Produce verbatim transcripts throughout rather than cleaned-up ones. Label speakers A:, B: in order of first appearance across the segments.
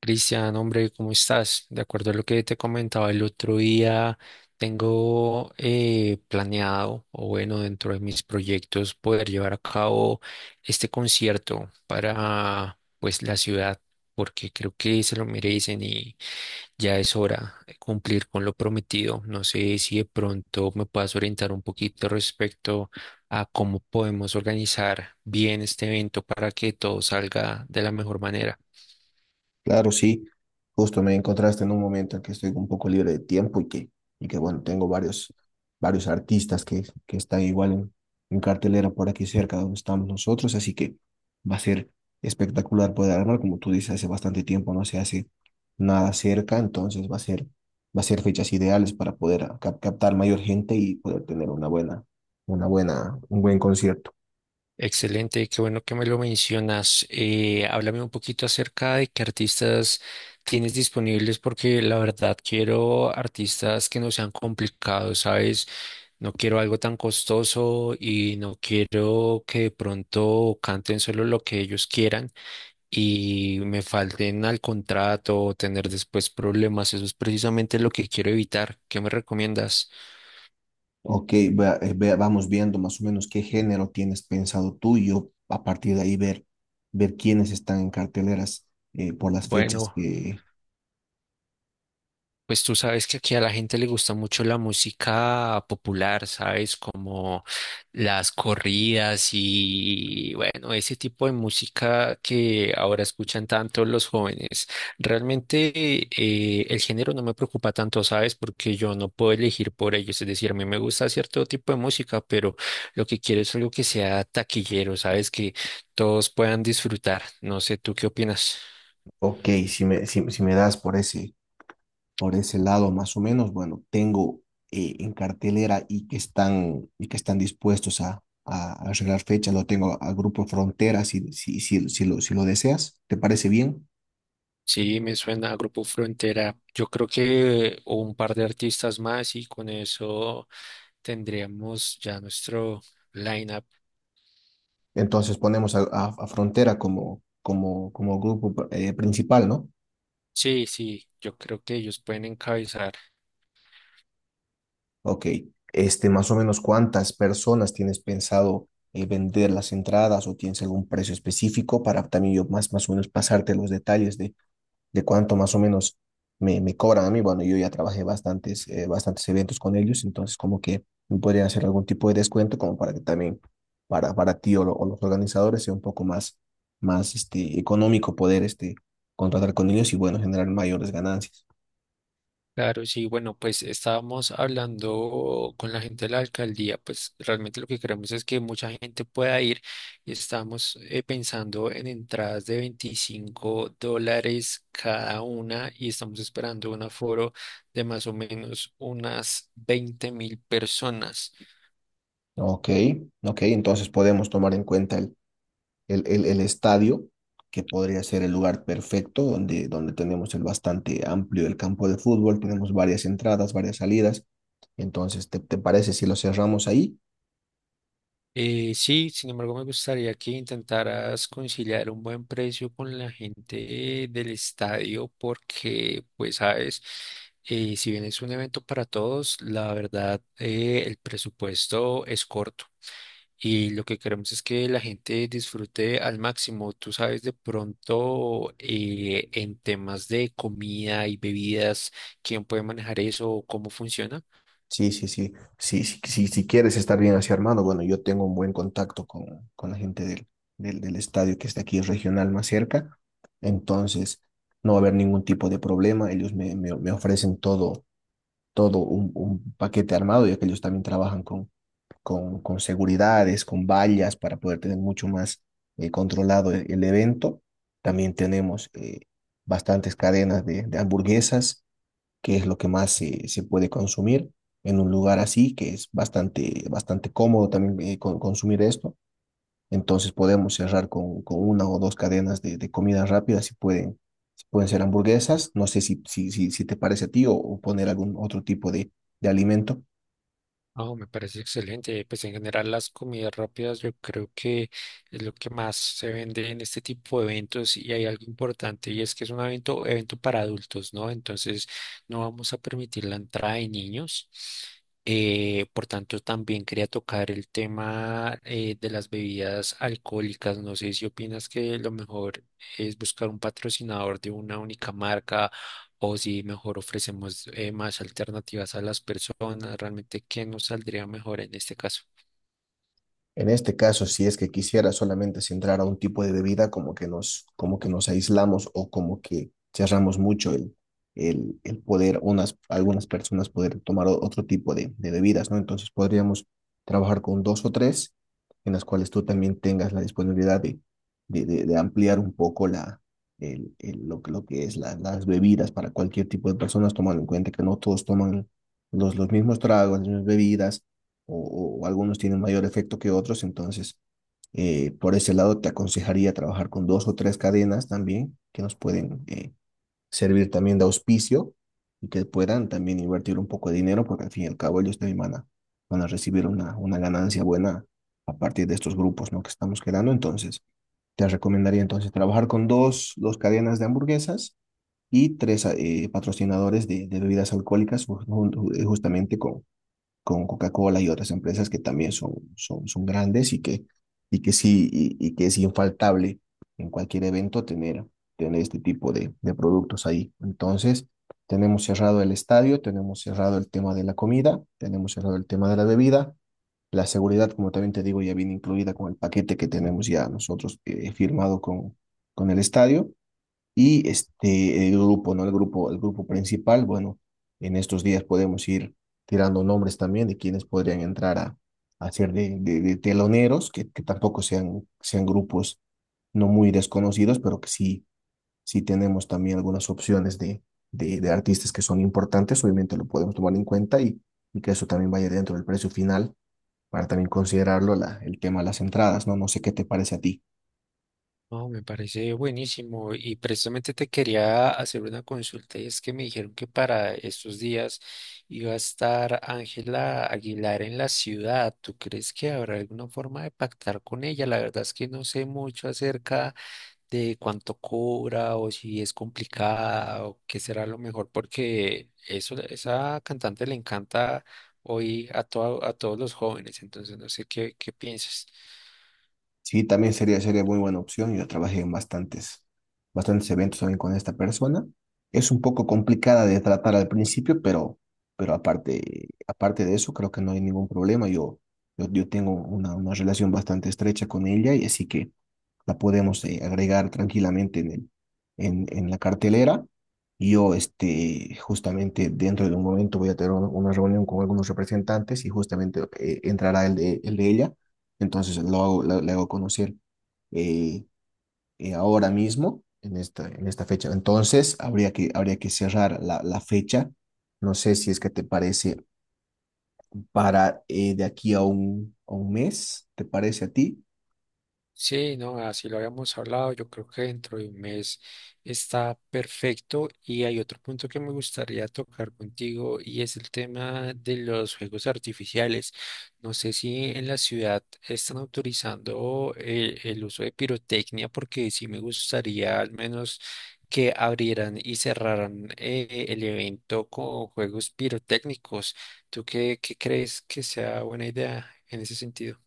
A: Cristian, hombre, ¿cómo estás? De acuerdo a lo que te comentaba el otro día, tengo eh, planeado, o bueno, dentro de mis proyectos, poder llevar a cabo este concierto para, pues, la ciudad, porque creo que se lo merecen y ya es hora de cumplir con lo prometido. No sé si de pronto me puedas orientar un poquito respecto a cómo podemos organizar bien este evento para que todo salga de la mejor manera.
B: Claro, sí, justo me encontraste en un momento en que estoy un poco libre de tiempo y que, y que bueno, tengo varios, varios artistas que, que están igual en, en cartelera por aquí cerca donde estamos nosotros, así que va a ser espectacular poder armar, como tú dices, hace bastante tiempo no se hace nada cerca, entonces va a ser, va a ser fechas ideales para poder ah, cap- captar mayor gente y poder tener una buena, una buena, un buen concierto.
A: Excelente, qué bueno que me lo mencionas. Eh, háblame un poquito acerca de qué artistas tienes disponibles, porque la verdad quiero artistas que no sean complicados, ¿sabes? No quiero algo tan costoso y no quiero que de pronto canten solo lo que ellos quieran y me falten al contrato o tener después problemas. Eso es precisamente lo que quiero evitar. ¿Qué me recomiendas?
B: Ok, vea- eh, vea- vamos viendo más o menos qué género tienes pensado tú y yo a partir de ahí ver, ver quiénes están en carteleras eh, por las fechas
A: Bueno.
B: que...
A: Pues tú sabes que aquí a la gente le gusta mucho la música popular, ¿sabes? Como las corridas y bueno, ese tipo de música que ahora escuchan tanto los jóvenes. Realmente eh, el género no me preocupa tanto, ¿sabes? Porque yo no puedo elegir por ellos. Es decir, a mí me gusta cierto tipo de música, pero lo que quiero es algo que sea taquillero, ¿sabes? Que todos puedan disfrutar. No sé, ¿tú qué opinas?
B: Ok, si me, si, si me das por ese, por ese lado más o menos, bueno, tengo eh, en cartelera y que están, y que están dispuestos a, a arreglar fechas, lo tengo a Grupo Frontera si, si, si, si lo, si lo deseas, ¿te parece bien?
A: Sí, me suena a Grupo Frontera. Yo creo que un par de artistas más y con eso tendríamos ya nuestro lineup.
B: Entonces ponemos a, a- a Frontera como, como, como grupo eh, principal, ¿no?
A: Sí, sí, yo creo que ellos pueden encabezar.
B: Ok, este, más o menos cuántas personas tienes pensado eh, vender las entradas o tienes algún precio específico para también yo más, más o menos pasarte los detalles de, de cuánto más o menos me, me cobran a mí. Bueno, yo ya trabajé bastantes, eh, bastantes eventos con ellos, entonces como que me podrían hacer algún tipo de descuento como para que también para, para ti o, lo- o los organizadores sea un poco más, más este, económico poder este, contratar con ellos y bueno, generar mayores ganancias.
A: Claro, sí, bueno, pues estábamos hablando con la gente de la alcaldía, pues realmente lo que queremos es que mucha gente pueda ir y estamos eh, pensando en entradas de veinticinco dólares cada una y estamos esperando un aforo de más o menos unas veinte mil personas.
B: Ok, ok, entonces podemos tomar en cuenta el el, el, el estadio, que podría ser el lugar perfecto, donde, donde tenemos el bastante amplio el campo de fútbol, tenemos varias entradas, varias salidas. Entonces, ¿te, te parece si lo cerramos ahí?
A: Eh, sí, sin embargo, me gustaría que intentaras conciliar un buen precio con la gente del estadio porque, pues, sabes, eh, si bien es un evento para todos, la verdad, eh, el presupuesto es corto y lo que queremos es que la gente disfrute al máximo. Tú sabes, de pronto, eh, en temas de comida y bebidas, ¿quién puede manejar eso o cómo funciona?
B: Sí, sí, sí. Sí, sí, sí, si quieres estar bien así armado, bueno, yo tengo un buen contacto con, con la gente del, del, del estadio que está aquí regional más cerca. Entonces, no va a haber ningún tipo de problema. Ellos me, me, me ofrecen todo, todo un, un paquete armado, ya que ellos también trabajan con, con, con seguridades, con vallas para poder tener mucho más eh, controlado el, el, evento. También tenemos eh, bastantes cadenas de, de hamburguesas, que es lo que más se, se puede consumir en un lugar así, que es bastante, bastante cómodo también eh, con, consumir esto. Entonces podemos cerrar con, con una o dos cadenas de, de comida rápida si pueden, si pueden ser hamburguesas. No sé si, si, si, si te parece a ti o, o poner algún otro tipo de, de alimento.
A: Oh, me parece excelente. Pues en general las comidas rápidas yo creo que es lo que más se vende en este tipo de eventos y hay algo importante y es que es un evento, evento para adultos, ¿no? Entonces no vamos a permitir la entrada de niños. Eh, por tanto, también quería tocar el tema eh, de las bebidas alcohólicas. No sé si opinas que lo mejor es buscar un patrocinador de una única marca o si mejor ofrecemos eh, más alternativas a las personas, realmente qué nos saldría mejor en este caso.
B: En este caso, si es que quisiera solamente centrar a un tipo de bebida, como que nos, como que nos aislamos o como que cerramos mucho el, el, el poder, unas, algunas personas poder tomar o- otro tipo de, de bebidas, ¿no? Entonces podríamos trabajar con dos o tres en las cuales tú también tengas la disponibilidad de, de, de- de ampliar un poco la, el, el- lo, que- lo que es la- las bebidas para cualquier tipo de personas, tomando en cuenta que no todos toman los, los mismos tragos, las mismas bebidas o, o algunos tienen mayor efecto que otros, entonces eh, por ese lado te aconsejaría trabajar con dos o tres cadenas también que nos pueden eh, servir también de auspicio y que puedan también invertir un poco de dinero porque al fin y al cabo ellos también van a, van a recibir una, una ganancia buena a partir de estos grupos, ¿no?, que estamos creando. Entonces te recomendaría entonces trabajar con dos, dos cadenas de hamburguesas y tres eh, patrocinadores de, de bebidas alcohólicas ju- ju- eh, justamente con con Coca-Cola y otras empresas que también son, son, son grandes y que, y que sí, y, y que es infaltable en cualquier evento tener, tener este tipo de, de productos ahí. Entonces, tenemos cerrado el estadio, tenemos cerrado el tema de la comida, tenemos cerrado el tema de la bebida. La seguridad, como también te digo, ya viene incluida con el paquete que tenemos ya nosotros eh, firmado con, con el estadio. Y este, el grupo, ¿no? El grupo, el grupo principal, bueno, en estos días podemos ir tirando nombres también de quienes podrían entrar a, a ser de, de, de teloneros, que, que tampoco sean, sean grupos no muy desconocidos, pero que sí, sí tenemos también algunas opciones de, de, de artistas que son importantes, obviamente lo podemos tomar en cuenta y, y que eso también vaya dentro del precio final para también considerarlo la, el tema de las entradas, ¿no? No sé qué te parece a ti.
A: No me parece buenísimo y precisamente te quería hacer una consulta y es que me dijeron que para estos días iba a estar Ángela Aguilar en la ciudad. ¿Tú crees que habrá alguna forma de pactar con ella? La verdad es que no sé mucho acerca de cuánto cobra o si es complicada o qué será lo mejor, porque eso, esa cantante le encanta hoy a, todo, a todos los jóvenes entonces no sé qué, qué piensas.
B: Sí, también sería, sería muy buena opción. Yo trabajé en bastantes, bastantes eventos también con esta persona. Es un poco complicada de tratar al principio, pero, pero aparte, aparte de eso, creo que no hay ningún problema. Yo, yo, yo tengo una, una relación bastante estrecha con ella y así que la podemos eh, agregar tranquilamente en el, en, en la cartelera. Yo, este, justamente dentro de un momento voy a tener un- una reunión con algunos representantes y justamente eh, entrará el de, el de ella. Entonces lo hago, lo- le hago conocer eh, eh, ahora mismo, en esta, en esta fecha. Entonces habría que, habría que cerrar la, la fecha. No sé si es que te parece para eh, de aquí a un, a un mes, ¿te parece a ti?
A: Sí, no, así lo habíamos hablado. Yo creo que dentro de un mes está perfecto. Y hay otro punto que me gustaría tocar contigo y es el tema de los juegos artificiales. No sé si en la ciudad están autorizando eh, el, uso de pirotecnia, porque sí me gustaría al menos que abrieran y cerraran eh, el evento con juegos pirotécnicos. ¿Tú qué, qué crees que sea buena idea en ese sentido?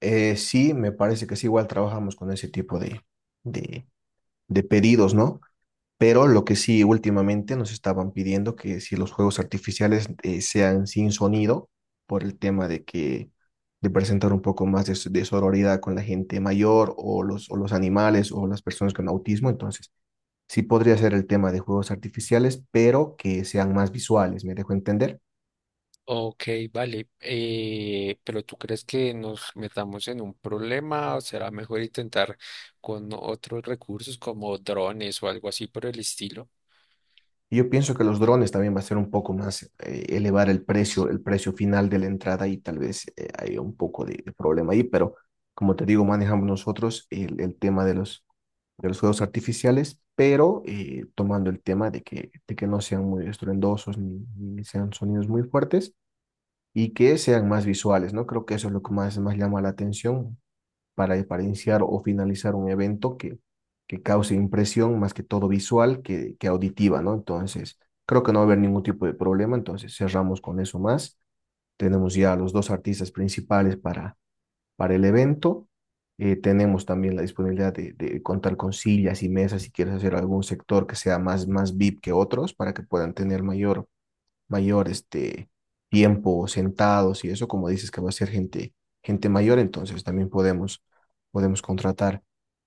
B: Eh, sí, me parece que sí, igual trabajamos con ese tipo de, de, de pedidos, ¿no? Pero lo que sí, últimamente nos estaban pidiendo que si los juegos artificiales eh, sean sin sonido, por el tema de que de presentar un poco más de, so- de sororidad con la gente mayor o los, o los animales o las personas con autismo, entonces sí podría ser el tema de juegos artificiales, pero que sean más visuales, ¿me dejo entender?
A: Ok, vale. Eh, pero ¿tú crees que nos metamos en un problema? ¿O será mejor intentar con otros recursos como drones o algo así por el estilo?
B: Y yo pienso que los drones también va a ser un poco más, eh, elevar el precio, el precio final de la entrada y tal vez eh, hay un poco de, de problema ahí, pero como te digo, manejamos nosotros el, el tema de los, de los juegos artificiales, pero eh, tomando el tema de que, de que no sean muy estruendosos ni, ni sean sonidos muy fuertes y que sean más visuales, ¿no? Creo que eso es lo que más, más llama la atención, para, para iniciar o finalizar un evento que, que cause impresión más que todo visual que, que auditiva, ¿no? Entonces, creo que no va a haber ningún tipo de problema, entonces cerramos con eso más. Tenemos ya los dos artistas principales para, para el evento. Eh, tenemos también la disponibilidad de, de, contar con sillas y mesas si quieres hacer algún sector que sea más, más V I P que otros para que puedan tener mayor mayor este, tiempo sentados y eso, como dices que va a ser gente, gente mayor, entonces también podemos, podemos contratar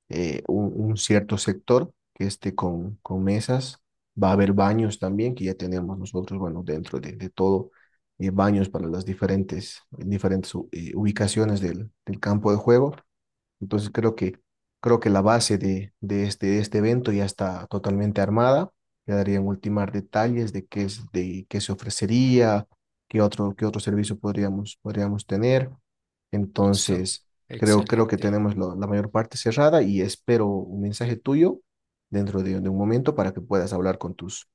B: eh, un, un cierto sector que esté con, con mesas. Va a haber baños también, que ya tenemos nosotros, bueno, dentro de, de todo, eh, baños para las diferentes, diferentes u- eh, ubicaciones del, del campo de juego. Entonces creo que, creo que la base de, de este, de este evento ya está totalmente armada. Quedarían ultimar detalles de qué, es, de qué se ofrecería, qué otro, qué otro servicio podríamos, podríamos tener.
A: Listo,
B: Entonces, creo, creo que
A: excelente.
B: tenemos lo- la mayor parte cerrada y espero un mensaje tuyo dentro de, de un momento para que puedas hablar con tus,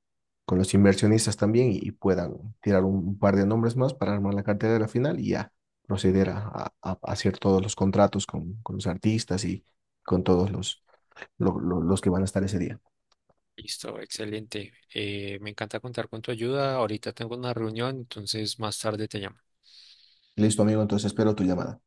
B: con los inversionistas también y, y puedan tirar un, un par de nombres más para armar la cartera de la final y ya proceder a, a- a hacer todos los contratos con, con los artistas y con todos los, lo- lo- los que van a estar ese día.
A: Listo, excelente. Eh, me encanta contar con tu ayuda. Ahorita tengo una reunión, entonces más tarde te llamo.
B: Listo, amigo, entonces espero tu llamada.